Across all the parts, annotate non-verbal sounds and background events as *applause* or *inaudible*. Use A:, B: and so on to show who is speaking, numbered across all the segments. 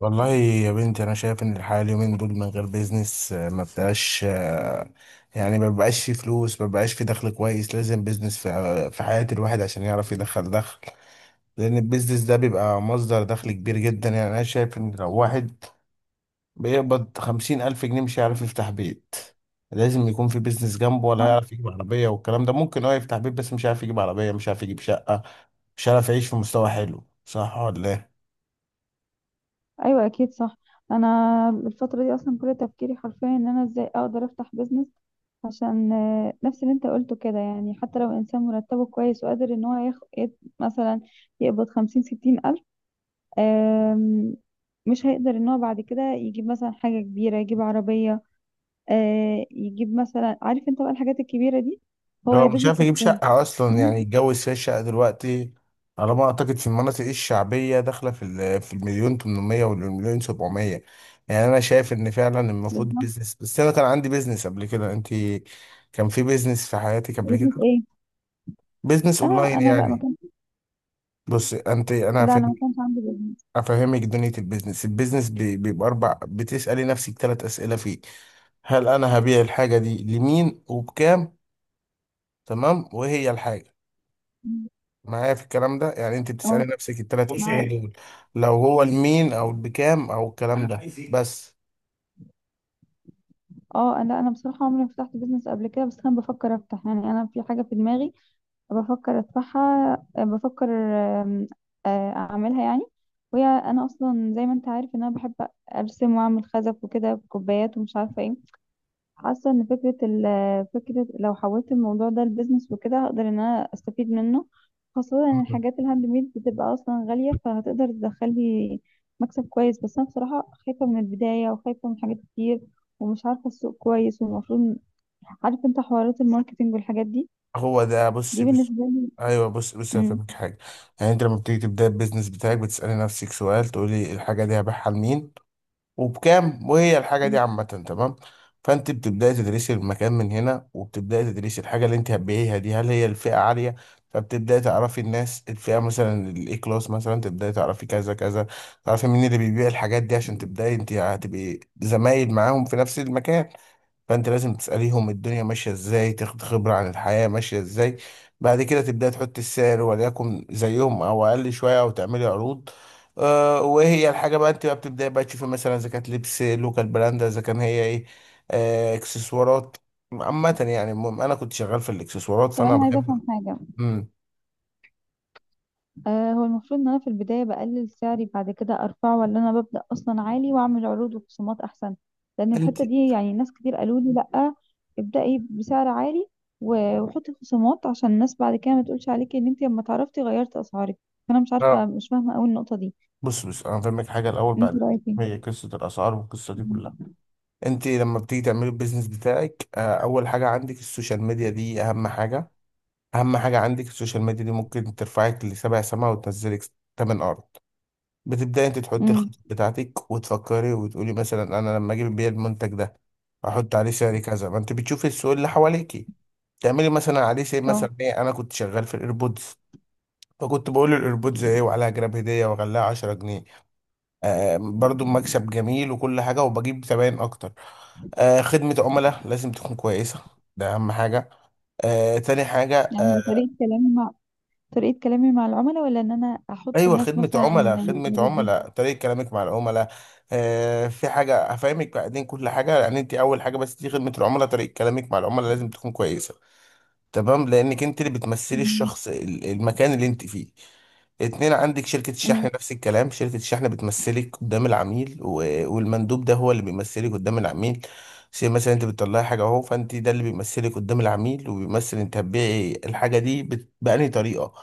A: والله يا بنتي، انا شايف ان الحياه اليومين دول من غير بيزنس ما بتبقاش يعني ما بيبقاش في فلوس، ما بيبقاش في دخل كويس. لازم بيزنس في حياه الواحد عشان يعرف يدخل دخل، لان البيزنس ده بيبقى مصدر دخل كبير جدا. يعني انا شايف ان لو واحد بيقبض 50,000 جنيه مش هيعرف يفتح بيت. لازم يكون في بيزنس جنبه، ولا هيعرف يجيب عربيه والكلام ده. ممكن هو يفتح بيت بس مش هيعرف يجيب عربيه، مش هيعرف يجيب شقه، مش هيعرف يعيش في مستوى حلو. صح ولا إيه؟
B: ايوه، اكيد صح. انا الفتره دي اصلا كل تفكيري حرفيا ان انا ازاي اقدر افتح بيزنس، عشان نفس اللي انت قلته كده. يعني حتى لو انسان مرتبه كويس وقادر ان هو ياخد مثلا، يقبض 50 60 ألف، آم، مش هيقدر ان هو بعد كده يجيب مثلا حاجه كبيره، يجيب عربيه. يجيب مثلا، عارف انت بقى الحاجات الكبيره دي، هو يا
A: هو
B: دوب
A: مش عارف يجيب
B: يكفوه.
A: شقة أصلا
B: لا.
A: يعني يتجوز فيها. شقة دلوقتي على ما أعتقد في المناطق الشعبية داخلة في المليون 800 والمليون 700. يعني أنا شايف إن فعلا المفروض
B: بالظبط.
A: بيزنس. بس أنا كان عندي بيزنس قبل كده. أنت كان في بيزنس في حياتك قبل
B: بيزنس
A: كده؟
B: ايه؟
A: بيزنس
B: انا
A: أونلاين
B: انا لا ما
A: يعني.
B: كان.
A: بص أنت،
B: لا انا ما كانش عندي بيزنس.
A: هفهمك دنيا البيزنس. البيزنس بيبقى أربع. بتسألي نفسك ثلاث أسئلة فيه: هل أنا هبيع الحاجة دي لمين وبكام؟ تمام، وهي الحاجة. معايا في الكلام ده؟ يعني انت بتسألي
B: اه،
A: نفسك الثلاث. بص، اسئله ايه
B: معاك.
A: دول؟ لو هو المين او بكام او الكلام، انا ده عايز ايه بس.
B: اه، انا انا بصراحه عمري ما فتحت بيزنس قبل كده، بس انا بفكر افتح. يعني انا في حاجه في دماغي بفكر ادفعها، بفكر اعملها يعني. وهي انا اصلا زي ما انت عارف ان انا بحب ارسم واعمل خزف وكده بكوبايات ومش عارفه ايه. حاسه ان فكره لو حولت الموضوع ده لبزنس وكده هقدر ان انا استفيد منه، خاصه ان
A: مم.
B: الحاجات الهاند ميد بتبقى اصلا غاليه، فهتقدر تدخلي مكسب كويس. بس انا بصراحه خايفه من البدايه، وخايفه من حاجات كتير، ومش عارفه السوق كويس. والمفروض، عارف انت، حوارات الماركتينج والحاجات دي،
A: هو ده.
B: دي
A: بص.
B: بالنسبه لي.
A: ايوه، بص بص
B: امم.
A: هفهمك حاجه. يعني انت لما بتيجي تبدا البيزنس بتاعك، بتسألي نفسك سؤال، تقولي الحاجه دي هبيعها لمين وبكام وهي الحاجة دي
B: امم.
A: عامة. تمام. فانت بتبدأي تدرسي المكان من هنا، وبتبدأي تدرسي الحاجة اللي انت هتبيعيها دي هل هي الفئة عالية. فبتبدأي تعرفي الناس، الفئة مثلا الاي كلاس، مثلا تبدأي تعرفي كذا كذا، تعرفي مين اللي بيبيع الحاجات دي عشان تبدأي انت هتبقي زمايل معاهم في نفس المكان. فانت لازم تسأليهم الدنيا ماشية ازاي، تاخد خبرة عن الحياة ماشية ازاي. بعد كده تبدأ تحط السعر، وليكن زيهم او اقل شوية او تعملي عروض. وهي الحاجة بقى. انت بقى بتبدأي بقى تشوفي مثلا اذا كانت لبس، لوكال براند، اذا كان هي ايه، اكسسوارات عامة. يعني المهم انا كنت شغال في الاكسسوارات
B: طب
A: فانا
B: انا عايزه
A: بحب.
B: افهم حاجه.
A: امم
B: هو المفروض ان انا في البداية بقلل سعري بعد كده ارفعه، ولا انا ببدأ اصلا عالي واعمل عروض وخصومات احسن؟ لان
A: انت.
B: الحتة دي، يعني ناس كتير قالوا لي لا، ابدأي بسعر عالي وحطي خصومات، عشان الناس بعد كده ما تقولش عليكي ان انت لما تعرفتي غيرتي اسعارك. فانا مش عارفة،
A: اه
B: مش فاهمة قوي النقطة دي.
A: بص بص انا فاهمك حاجه الاول
B: انت
A: بعد.
B: رأيك ايه؟
A: هي قصه الاسعار والقصه دي كلها. انت لما بتيجي تعملي البيزنس بتاعك اول حاجه عندك السوشيال ميديا دي اهم حاجه. اهم حاجه عندك السوشيال ميديا دي، ممكن ترفعك لسبع سما وتنزلك تمن ارض. بتبداي انت تحطي
B: امم.
A: الخطط بتاعتك وتفكري وتقولي: مثلا انا لما اجيب بيع المنتج ده احط عليه سعر كذا. ما انت بتشوفي السوق اللي حواليكي، تعملي مثلا عليه سي،
B: اه.
A: مثلا ايه. انا كنت شغال في الايربودز، فكنت بقول الايربودز ايه وعليها جراب هديه وغلاها 10 جنيه. برضو مكسب جميل وكل حاجه وبجيب زباين اكتر. خدمه عملاء لازم تكون كويسه. ده اهم حاجه. آه تاني حاجه
B: يعني دي
A: آه،
B: طريقة كلامي مع العملاء، ولا ان انا احط
A: ايوه،
B: الناس
A: خدمه
B: مثلا
A: عملاء، خدمه
B: يردوا؟
A: عملاء، طريقه كلامك مع العملاء. في حاجه هفهمك بعدين كل حاجه. يعني انت اول حاجه، بس دي خدمه العملاء، طريقه كلامك مع العملاء لازم تكون كويسه. تمام، لانك انت اللي بتمثلي
B: امم.
A: المكان اللي انت فيه. اتنين: عندك شركة
B: أمم.
A: الشحن، نفس الكلام، شركة الشحن بتمثلك قدام العميل، و- والمندوب ده هو اللي بيمثلك قدام العميل. زي مثلا انت بتطلعي حاجة اهو، فانت ده اللي بيمثلك قدام العميل، وبيمثل انت هتبيعي الحاجة دي بأنهي طريقة.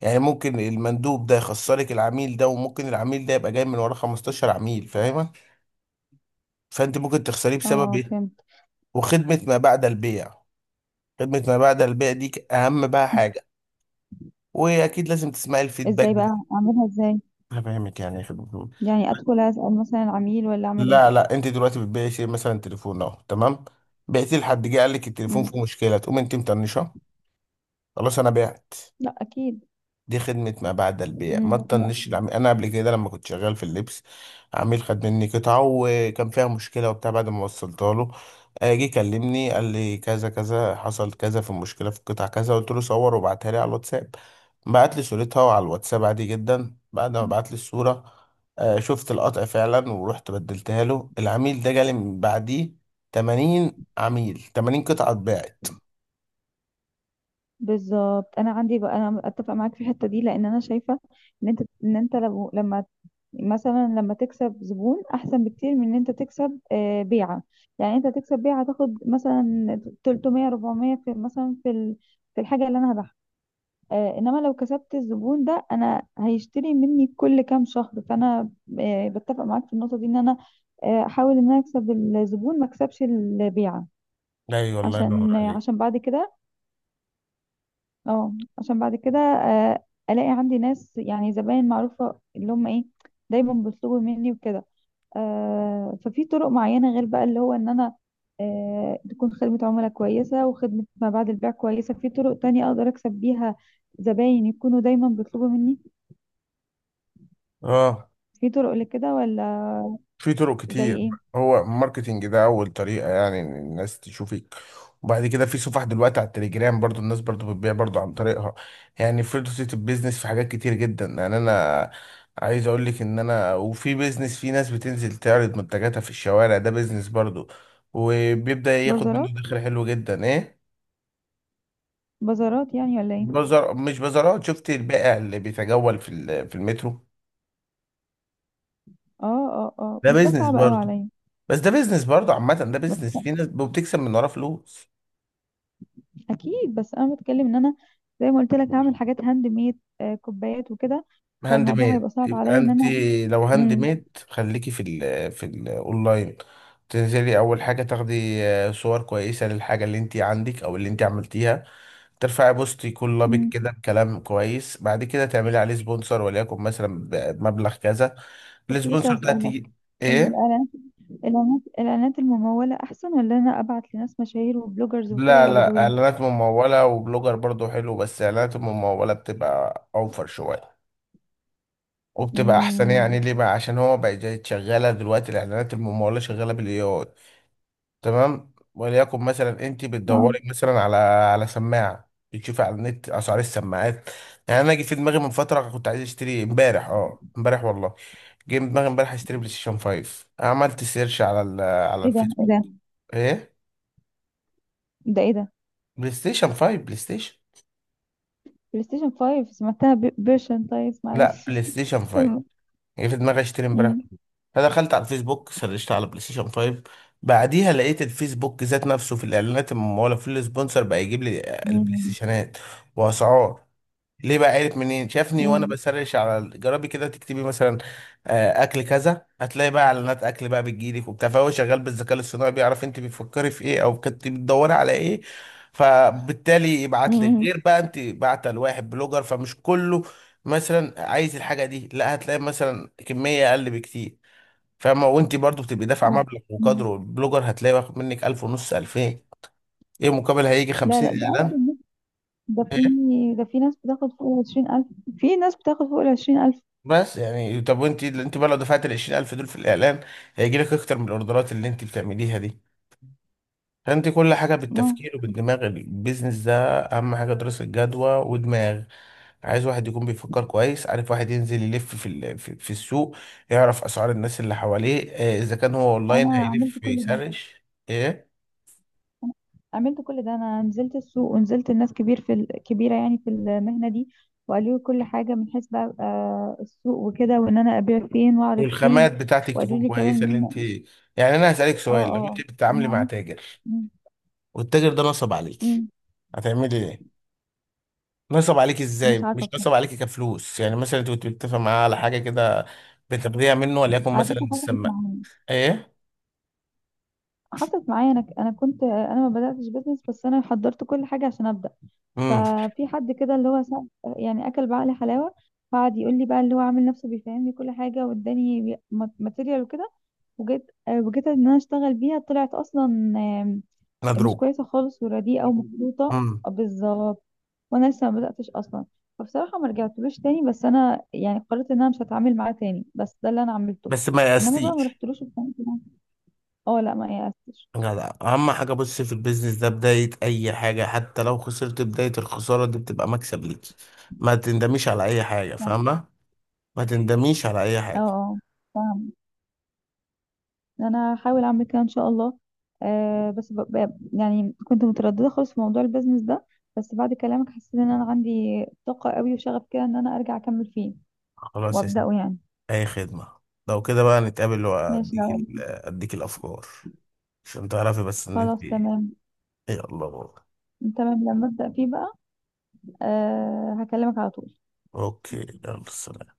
A: يعني ممكن المندوب ده يخسرك العميل ده، وممكن العميل ده يبقى جاي من ورا 15 عميل، فاهمة؟ فانت ممكن تخسريه بسبب
B: اه،
A: ايه.
B: فهمت.
A: وخدمة ما بعد البيع، خدمة ما بعد البيع دي أهم بقى حاجة. واكيد لازم تسمعي الفيدباك
B: ازاي
A: بتاع.
B: بقى؟ اعملها ازاي؟
A: انا فاهمك يعني يا أخي دكتور.
B: يعني ادخل اسال مثلا العميل، ولا اعمل
A: لا
B: ايه؟
A: لا، انت دلوقتي بتبيعي شيء مثلا تليفون اهو، تمام. بعتي، لحد جه قال لك التليفون
B: امم.
A: فيه مشكله، تقوم انت مطنشه. خلاص، انا بعت.
B: لا، اكيد.
A: دي خدمة ما بعد البيع، ما
B: امم. لا.
A: تطنش العميل. أنا قبل كده لما كنت شغال في اللبس، عميل خد مني قطعة وكان فيها مشكلة وبتاع، بعد ما وصلتها له جه كلمني قال لي كذا كذا، حصل كذا في المشكلة في القطعة كذا. قلت له صور وبعتها لي على الواتساب. بعت لي صورتها على الواتساب عادي جدا. بعد ما بعت لي الصورة شفت القطع فعلا ورحت بدلتها له. العميل ده جالي من بعديه 80 عميل، 80 قطعة اتباعت.
B: بالظبط. انا عندي بقى، انا اتفق معاك في الحته دي. لان انا شايفه ان انت لو لما مثلا لما تكسب زبون، احسن بكتير من ان انت تكسب بيعه. يعني انت تكسب بيعه تاخد مثلا 300 400 في مثلا في الحاجه اللي انا هبيعها. انما لو كسبت الزبون ده، انا هيشتري مني كل كام شهر. فانا بتفق معاك في النقطة دي، ان انا احاول ان انا اكسب الزبون، ما اكسبش البيعة،
A: اي والله ينور
B: عشان
A: عليك.
B: بعد كده. اه. عشان بعد كده، الاقي عندي ناس، يعني زباين معروفة، اللي هم ايه، دايما بيطلبوا مني وكده. ففي طرق معينة غير بقى اللي هو ان انا، تكون خدمة عملاء كويسة وخدمة ما بعد البيع كويسة، في طرق تانية اقدر اكسب بيها زباين يكونوا دايما بيطلبوا مني؟
A: اه،
B: في طرق لكده ولا؟
A: في طرق
B: زي
A: كتير.
B: ايه؟
A: هو الماركتينج ده اول طريقه، يعني إن الناس تشوفك. وبعد كده في صفح دلوقتي على التليجرام، برضو الناس برضو بتبيع برضو عن طريقها. يعني فرصة البيزنس في حاجات كتير جدا. يعني انا عايز اقول لك ان انا، وفي بيزنس في ناس بتنزل تعرض منتجاتها في الشوارع، ده بيزنس برضو، وبيبدأ ياخد
B: بازارات؟
A: منه دخل حلو جدا. ايه،
B: بازارات يعني ولا ايه؟
A: بزر مش بازارات. شفت البائع اللي بيتجول في المترو؟
B: اه، اه، اه،
A: ده
B: بس ده
A: بيزنس
B: صعب قوي
A: برضو.
B: عليا.
A: بس ده بيزنس برضو عامة. ده
B: بس
A: بيزنس، في ناس وبتكسب من وراه فلوس.
B: اكيد، بس انا بتكلم ان انا، زي ما قلت لك، هعمل حاجات هاند ميد، آه، كوبايات وكده.
A: هاند
B: فالموضوع
A: ميد،
B: هيبقى صعب
A: يبقى
B: عليا ان
A: انت،
B: انا.
A: لو هاند
B: امم.
A: ميد، خليكي في الاونلاين. تنزلي اول حاجه تاخدي صور كويسه للحاجه اللي انت عندك او اللي انت عملتيها. ترفعي بوست يكون لابق
B: امم،
A: كده بكلام كويس. بعد كده تعملي عليه سبونسر وليكن مثلا بمبلغ كذا.
B: كنت لسه
A: السبونسر ده تيجي
B: اسالك.
A: ايه؟
B: الاعلانات الاعلانات الإعلانات المموله احسن، ولا انا ابعت لناس مشاهير وبلوجرز وكده
A: لا لا،
B: يعرضوا لي؟
A: اعلانات ممولة وبلوجر برضو حلو، بس اعلانات الممولة بتبقى اوفر شوية وبتبقى احسن.
B: امم.
A: يعني ليه بقى؟ عشان هو بقى جاي شغالة دلوقتي الاعلانات الممولة شغالة بالاي اي، تمام. وليكن مثلا انت بتدوري
B: اه.
A: مثلا على سماعه، بتشوفي على النت اسعار السماعات. يعني انا جه في دماغي من فتره كنت عايز اشتري امبارح، امبارح والله، جه في دماغي امبارح اشتري بلاي ستيشن 5. عملت سيرش على
B: ايه ده؟ ايه
A: الفيسبوك.
B: ده؟
A: ايه؟
B: ده ايه ده؟
A: بلاي ستيشن 5. بلاي ستيشن.
B: بلاي ستيشن 5؟ سمعتها بيرشن، طيب
A: لا،
B: معلش. *laughs*
A: بلاي ستيشن 5. جه في دماغي اشتري امبارح.
B: كمل.
A: فدخلت على الفيسبوك، سرشت على بلاي ستيشن 5. بعديها لقيت الفيسبوك ذات نفسه في الاعلانات المموله في السبونسر بقى يجيب لي البلاي
B: إمم،
A: ستيشنات واسعار. ليه بقى، عرف منين؟ شافني وانا
B: إمم،
A: بسرش على جربي كده تكتبي مثلا اكل كذا، هتلاقي بقى اعلانات اكل بقى بتجيلك وبتاع. فهو شغال بالذكاء الصناعي، بيعرف انت بتفكري في ايه او كنت بتدوري على ايه. فبالتالي
B: إمم،
A: يبعت لك،
B: إمم،
A: غير بقى انت بعته لواحد بلوجر، فمش كله مثلا عايز الحاجه دي، لا هتلاقي مثلا كميه اقل بكتير، فاهمه؟ وانت برضو بتبقي دافعه
B: آه،
A: مبلغ
B: إمم،
A: وقدره، البلوجر هتلاقي واخد منك 1000 ونص، 2000. ايه مقابل؟ هيجي
B: لا،
A: 50
B: لأ.
A: اعلان.
B: ده في ده في ناس بتاخد فوق ال20,000. في ناس بتاخد فوق ال20.000.
A: بس يعني طب، وانت بقى لو دفعت ال 20,000 دول في الاعلان، هيجي لك اكتر من الاوردرات اللي انت بتعمليها دي. فانت كل حاجه
B: آه،
A: بالتفكير وبالدماغ، البيزنس ده اهم حاجه دراسه جدوى ودماغ. عايز واحد يكون بيفكر كويس، عارف، واحد ينزل يلف في ال- في في السوق، يعرف اسعار الناس اللي حواليه. اذا كان هو اونلاين
B: أنا عملت
A: هيلف
B: كل ده،
A: يسرش. ايه،
B: عملت كل ده. أنا نزلت السوق، ونزلت لناس كبير في ال كبيرة يعني في المهنة دي، وقالوا لي كل حاجة، من حيث بقى السوق وكده، وإن أنا أبيع فين وأعرض فين.
A: والخامات بتاعتك
B: وقالوا
A: تكون
B: لي كمان
A: كويسه
B: إن
A: اللي انت.
B: هم،
A: يعني انا هسالك
B: آه،
A: سؤال: لو انت
B: آه،
A: بتتعاملي
B: أنا
A: مع
B: عملت،
A: تاجر
B: إمم،
A: والتاجر ده نصب عليك،
B: إمم،
A: هتعملي إيه؟ نصب عليك
B: مش
A: ازاي؟
B: عارفة
A: مش نصب
B: بصراحة.
A: عليك كفلوس يعني. مثلا انت كنت بتتفق معاه على حاجه كده بترضيها منه، وليكن
B: على
A: مثلا
B: فكرة حصلت
A: السماء.
B: معايا.
A: ايه؟
B: حصلت معايا. انا ما بداتش بيزنس، بس انا حضرت كل حاجه عشان ابدا.
A: امم
B: ففي حد كده اللي هو يعني اكل بعقلي حلاوه. قعد يقول لي بقى، اللي هو عامل نفسه بيفهمني كل حاجه، واداني ماتيريال وكده. وجيت ان انا اشتغل بيها، طلعت اصلا مش
A: مضروب.
B: كويسه خالص، ورديئه ومخلوطه.
A: امم
B: بالظبط. وانا لسه ما بداتش اصلا. فبصراحه ما رجعتلوش تاني، بس انا يعني قررت ان انا مش هتعامل معاه تاني. بس ده اللي انا عملته،
A: بس ما
B: انما بقى ما
A: يأستيش.
B: رحتلوش في حياتي. اه، لا، ما يأستش.
A: جدع. اهم حاجه، بص، في البيزنس ده، بدايه اي حاجه حتى لو خسرت، بدايه الخساره دي بتبقى مكسب ليك. ما تندميش على اي حاجه، فاهمه؟ ما تندميش على اي
B: اه،
A: حاجه.
B: اه، فاهم. انا هحاول اعمل كده ان شاء الله. آه بس يعني كنت متردده خالص في موضوع البيزنس ده، بس بعد كلامك حسيت ان انا عندي طاقه قوي وشغف كده ان انا ارجع اكمل فيه
A: خلاص يا سيدي،
B: وابداه يعني.
A: اي خدمه. لو كده بقى نتقابل،
B: ماشي، لو
A: اديك الافكار عشان تعرفي بس ان انت
B: خلاص
A: إيه.
B: تمام.
A: يلا بابا.
B: تمام، لما ابدا فيه بقى، آه هكلمك على طول.
A: اوكي، يلا سلام.